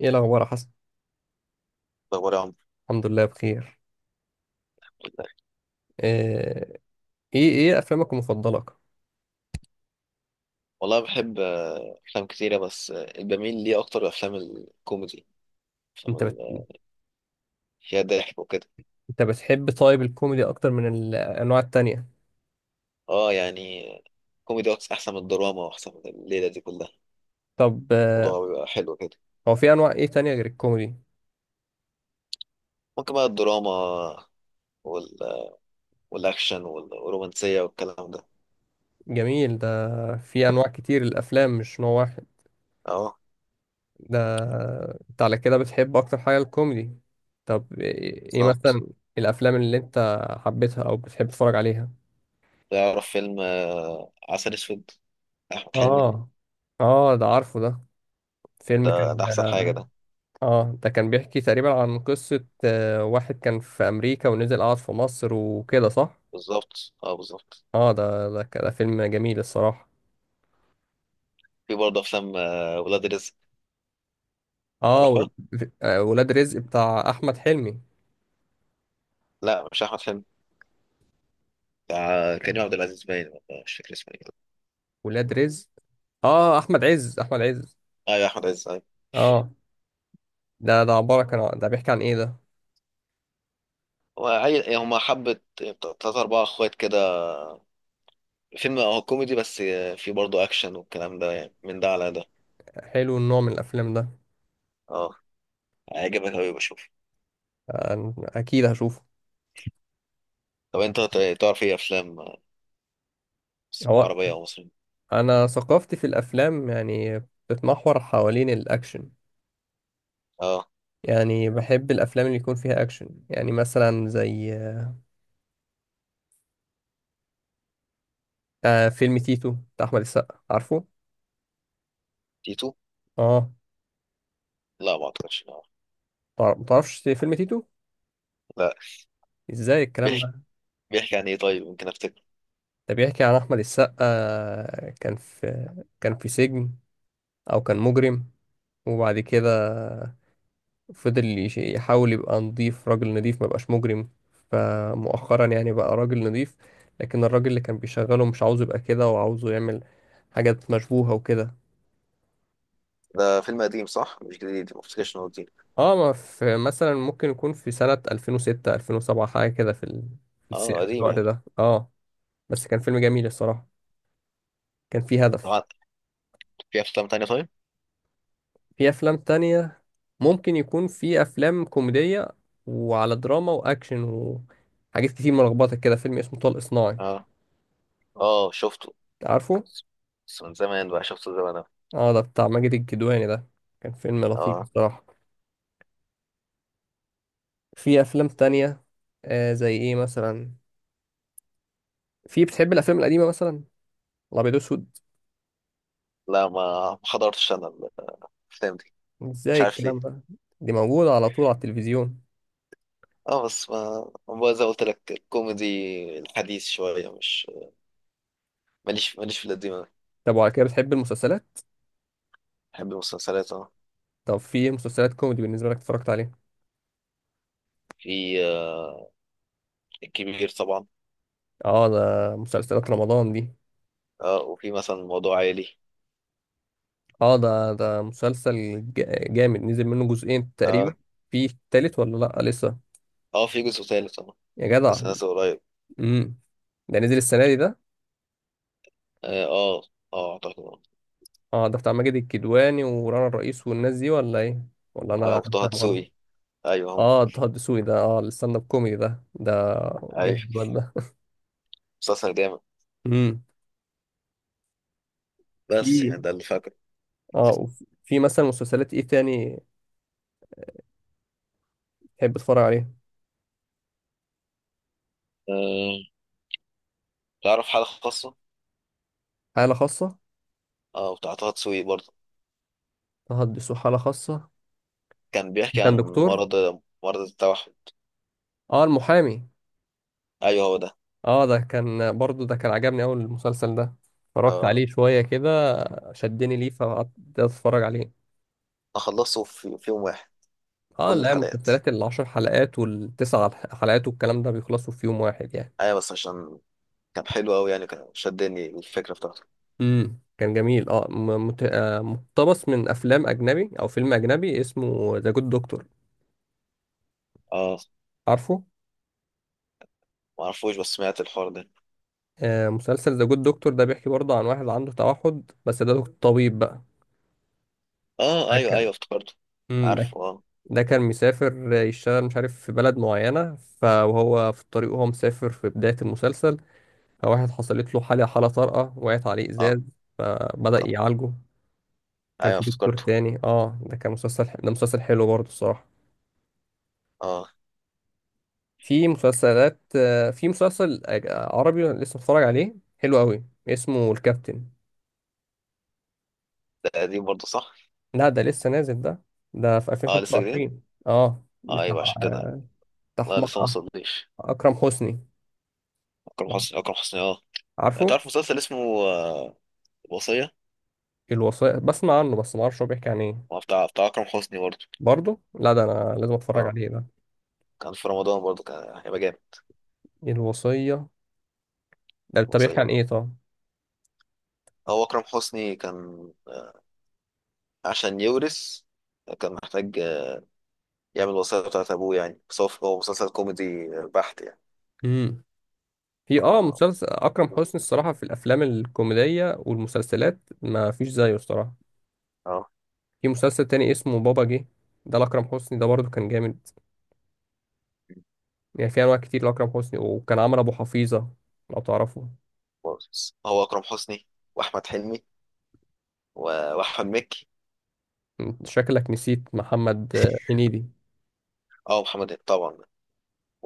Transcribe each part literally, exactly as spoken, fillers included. ايه الاخبار يا حسن؟ أخبار يا عمرو. الحمد لله بخير. آه، ايه ايه افلامك المفضله؟ والله بحب آه، أفلام كتيرة، بس آه، بميل ليه أكتر الأفلام الكوميدي. أفلام انت بت... ال- فيها ضحك وكده. انت بتحب طيب الكوميدي اكتر من الانواع التانية؟ أه يعني كوميدي أكتر، أحسن من الدراما وأحسن من الليلة دي كلها. طب، آه، الموضوع بيبقى حلو كده. هو في انواع ايه تانية غير الكوميدي؟ ممكن بقى الدراما وال... والأكشن وال- والرومانسية والكلام ده. جميل ده. في انواع كتير الافلام، مش نوع واحد أه ده. انت على كده بتحب اكتر حاجه الكوميدي. طب ايه إيه بالظبط. مثلا الافلام اللي انت حبيتها او بتحب تتفرج عليها؟ تعرف فيلم آه، عسل أسود؟ أحمد حلمي. اه، اه، ده عارفه ده. فيلم ده, كان. ده أحسن حاجة. ده اه، ده كان بيحكي تقريبا عن قصة آه، واحد كان في أمريكا ونزل قعد في مصر وكده، صح؟ بالظبط، أه بالظبط. اه، ده ده ك- ده فيلم جميل الصراحة. في برضه أفلام آه، ولاد رزق، اه، و- تعرفها؟ ف- آه، ولاد رزق بتاع أحمد حلمي. لا مش أحمد حلمي، بتاع كريم عبد العزيز باين، ولا مش فاكر اسمه ايه. ولاد رزق، اه، أحمد عز أحمد عز. ايوه احمد عز، ايوه. اه، ده ده عبارة كان عن- ده بيحكي عن ايه ده؟ هو عيل، هما حبة تلات أربعة إخوات كده. فيلم هو كوميدي، بس فيه برضه أكشن والكلام ده، يعني من ده على ده. حلو النوع من الأفلام ده. اه. هيعجبك أوي، بشوف. أنا أكيد هشوفه. طب أنت ت- تعرف إيه أفلام هو عربية أو مصرية؟ أنا ثقافتي في الأفلام يعني بتتمحور حوالين الأكشن. اه. يعني بحب الأفلام اللي يكون فيها أكشن، يعني مثلا زي آه فيلم تيتو بتاع احمد السقا، عارفه؟ تيتو؟ اه. لا ما أعتقدش آه. متعر- متعرفش فيلم تيتو؟ لا. ازاي الكلام بيحكي، ده؟ بيحكي عن إيه؟ طيب ممكن أفتكر. ده بيحكي عن احمد السقا. آه، كان في كان في سجن، او كان مجرم، وبعد كده فضل يش- يحاول يبقى نضيف، راجل نضيف، ما يبقاش مجرم. فمؤخرا يعني بقى راجل نضيف. لكن الراجل اللي كان بيشغله مش عاوزه يبقى كده، وعاوزه يعمل حاجات مشبوهة وكده. ده فيلم قديم صح؟ مش جديد، ما أفتكرش إنه قديم. اه، ما في مثلا ممكن يكون في سنة ألفين وستة ألفين وسبعة حاجة كده، في ال- في الس- اه في قديم الوقت يعني. ده، اه. بس كان فيلم جميل الصراحة، كان فيه هدف. طبعا. في أفلام تانية طيب؟ في أفلام تانية، ممكن يكون في أفلام كوميدية وعلى دراما وأكشن وحاجات كتير ملخبطة كده. فيلم اسمه طلق صناعي، اه، اه شفته. عارفه؟ بس من زمان بقى، شفته زمان أوي. اه، ده بتاع ماجد الكدواني ده، كان فيلم لطيف اه. الصراحة. في أفلام تانية، آه زي إيه مثلا؟ في بتحب الأفلام القديمة مثلا، الأبيض وأسود؟ لا ما ما حضرتش انا الافلام دي. مش إزاي عارف ليه. الكلام ده؟ دي موجودة على طول على التلفزيون. اه بس ما ما زي ما قلت لك، الكوميدي الحديث شويه، مش ماليش ماليش في القديم أوي. طب وعلى كده بتحب المسلسلات؟ بحب المسلسلات، اه. طب في مسلسلات كوميدي بالنسبة لك اتفرجت عليها؟ في آه الكبير طبعا. اه، ده مسلسلات رمضان دي. اه وفي مثلا موضوع عائلي. اه، ده ده مسلسل جا- جامد، نزل منه جزئين تقريبا. اه. في تالت ولا لا لسه؟ اه في جزء ثالث طبعا. يا جدع. بس نازل قريب. امم ده نزل السنه دي ده؟ اه. اه. آه، اعتقد اه. اه، ده بتاع ماجد الكدواني ورانا الرئيس والناس دي، ولا ايه؟ ولا آه، انا وطه فاهم غلط؟ دسوقي. ايوه هم. اه، طه الدسوقي ده، اه، الستاند اب كوميدي ده ده ايوه، جامد ولا؟ مسلسل جامد. امم بس في يعني ده اللي فاكره. اه وفي- في مثلا مسلسلات ايه تاني تحب تتفرج عليها؟ آه، تعرف حالة خاصة؟ حاله خاصه. اه بتاع طه دسوقي برضه. طه الدسوقي، حاله خاصه. كان بيحكي عن كان دكتور. مرض، مرض التوحد. اه، المحامي. ايوه هو ده. اه، ده كان برضو، ده كان عجبني اول المسلسل ده. اتفرجت اه. عليه شوية كده، شدني ليه فقعدت اتفرج عليه. اخلصه في, في يوم واحد. اه، كل لا، الحلقات. المسلسلات العشر حلقات والتسع حلقات والكلام ده بيخلصوا في يوم واحد يعني. ايوه بس عشان كان حلو قوي يعني، كان شدني الفكره بتاعته. امم كان جميل. اه، م- مت... آه، مقتبس من افلام اجنبي، او فيلم اجنبي اسمه ذا جود دكتور، اه عارفه؟ معرفوش، بس سمعت الحوار ده. آه مسلسل ذا جود دكتور ده بيحكي برضه عن واحد عنده توحد، بس ده دكتور طبيب بقى. اه ده ايوه كان ايوه افتكرته. مم، ده عارفه اه. ده كان مسافر يشتغل، مش عارف في بلد معينة، فهو في الطريق وهو مسافر في بداية المسلسل. فواحد حصلت له حالة حالة طارئة، وقعت عليه اه إزاز، ك- فبدأ يعالجه. كان ايوه في دكتور افتكرته. تاني. اه، ده كان مسلسل، ده مسلسل حلو برضه الصراحة. اه. في مسلسلات آه، في مسلسل أج- عربي أنا لسه بتفرج عليه، حلو قوي، اسمه الكابتن. ده قديم برضه صح؟ لا، ده لسه نازل ده. ده في اه لسه جديد. ألفين وخمسة وعشرين. اه، آه بتاع ايوه، عشان كده. بتاع لا لسه ما أحمق- وصلتليش. أكرم حسني، اكرم حسني، اكرم حسني، اه. عارفه؟ تعرف مسلسل اسمه آه، الوصيه؟ الوصية بسمع عنه، بس ما اعرفش هو بيحكي عن ايه. هو بتاع بتاع اكرم حسني برضه. برضه لا، ده انا لازم اتفرج اه عليه ده. كان في رمضان برضه، كان هيبقى جامد. الوصية ده، طب بيحكي الوصيه عن آه، ايه طب؟ هو اكرم حسني كان عشان يورث، كان محتاج يعمل الوصية بتاعت أبوه يعني. بس هو هو مسلسل كوميدي بحت يعني. امم في اه، اه. مسلسل اكرم حسني الصراحة، في الافلام الكوميدية والمسلسلات ما فيش زيه الصراحة. آه. في مسلسل تاني اسمه بابا جه، ده لاكرم حسني ده، برضه كان جامد. يعني في انواع كتير لاكرم حسني، وكان عمل ابو حفيظة لو تعرفه. هو أكرم حسني وأحمد حلمي و- وأحمد مكي. أنت شكلك نسيت محمد آه، هنيدي. اه محمد هنيدي طبعا.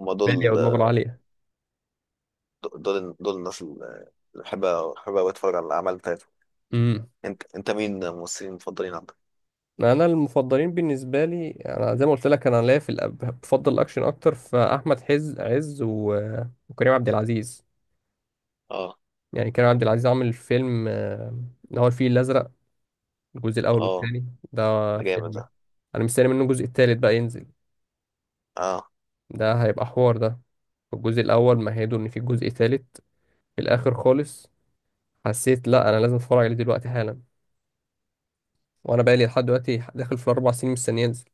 هما بالي دول. ودماغه عالية. دول دول الناس اللي بحب، بحب أوي أتفرج على الأعمال بتاعتهم. امم أنت أنت مين الممثلين المفضلين عندك؟ انا المفضلين بالنسبه لي، انا زي ما قلت لك، انا ليا في الأب- بفضل الاكشن اكتر، فاحمد حز عز و- وكريم عبد العزيز. اه. يعني كريم عبد العزيز عامل فيلم، آه، اللي هو الفيل الازرق، الجزء الاول اه والثاني ده. ده جامد فيلم ده. انا مستني منه الجزء الثالث بقى ينزل. اه ده هيبقى حوار ده. الجزء الاول مهدوا ان في جزء ثالث في الاخر خالص، حسيت لا انا لازم اتفرج عليه دلوقتي حالا. وانا بقى لي لحد دلوقتي داخل في الاربع سنين مستني ينزل،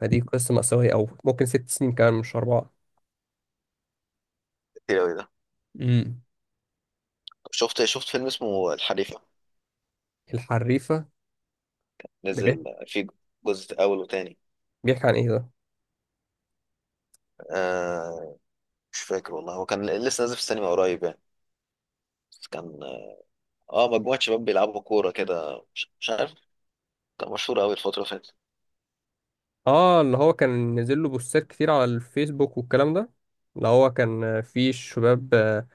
فدي قصه مأساويه، او ممكن ست سنين كمان، مش اربعه. كتير أوي ده. امم شفت، شفت فيلم اسمه الحريفة؟ الحريفة. ده نزل بيحكي, فيه جزء أول وتاني. بيحكي عن ايه ده؟ آه مش فاكر والله، هو كان لسه نازل في السينما قريب يعني. بس كان، اه مجموعة شباب بيلعبوا كورة كده، مش, مش عارف. كان مشهور قوي الفترة اللي فاتت. اه، اللي هو كان نزل له بوستات كتير على الفيسبوك والكلام ده، اللي هو كان، آه، في شباب، آه،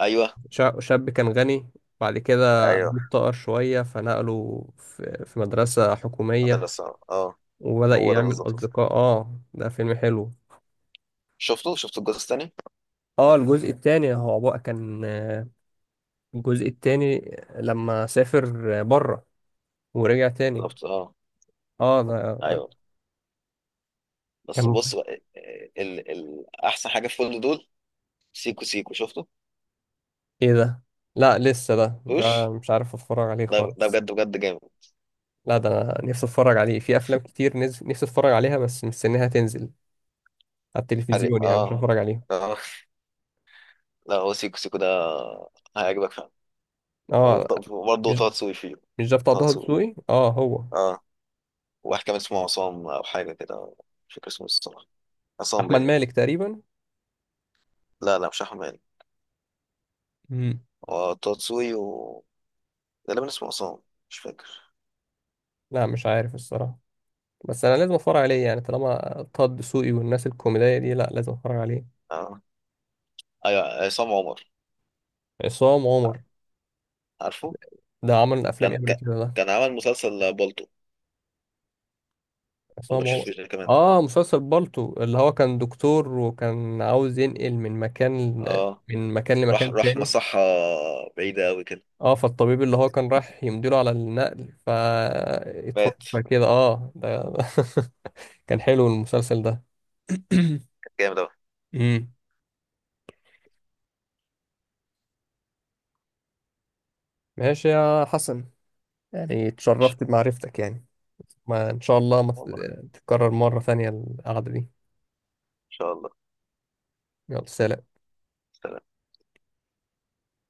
ايوه شا- شاب كان غني، بعد كده ايوه، أبوه افتقر شوية فنقله في في مدرسة قتل حكومية، الصعب اه. وبدأ هو ده يعمل بالظبط. أصدقاء. اه، ده فيلم حلو. شفته، شفت الجزء الثاني. اه، الجزء التاني هو بقى كان آه، الجزء التاني لما سافر بره ورجع تاني. بالظبط اه. اه، ده. ايوه. بس كان بص بقى، آه، آه، ال... ال... احسن حاجة في كل دول سيكو سيكو. شفته؟ ايه ده؟ لا لسه، ده ده شفتوش؟ مش عارف اتفرج عليه ده ده خالص. بجد بجد جامد. لا، ده أنا نفسي اتفرج عليه. في افلام كتير نز- نفسي اتفرج عليها، بس مستنيها تنزل على حرق التلفزيون يعني عشان اه اه. اتفرج عليها. اه. لا هو سيكو سيكو ده هيعجبك فعلا. اه، وبرضه مش طه دسوقي فيه. مش ده بتاع طه طه دسوقي دسوقي، اه، هو. اه. واحد كان اسمه عصام أو حاجة كده، مش فاكر اسمه الصراحة. عصام احمد باين. مالك تقريبا. لا لا مش أحمد. مم. هو تاتسوي و، غالبا اسمه عصام، مش فاكر. لا، مش عارف الصراحه، بس انا لازم اتفرج عليه يعني طالما طه دسوقي والناس الكوميديه دي، لا لازم اتفرج عليه. آه. أيوة عصام عمر. عصام عمر، عارفه. ده عمل افلام ايه كان قبل كان، كده ده؟ كان عمل مسلسل بالطو، ولا عصام مش عمر. فاكر ده كمان. اه، مسلسل بالطو، اللي هو كان دكتور وكان عاوز ينقل من مكان اه. من مكان راح، لمكان راح تاني. مصحة بعيدة أوي كده. اه، فالطبيب اللي هو كان رايح يمديله على النقل مات. فاتوفى كده، اه، ده. كان حلو المسلسل ده. جامد أوي. امم ماشي يا حسن، يعني اتشرفت بمعرفتك يعني، ما ان شاء الله ما والله، تت- تتكرر مرة ثانية القعدة دي. إن شاء الله. يلا، سلام.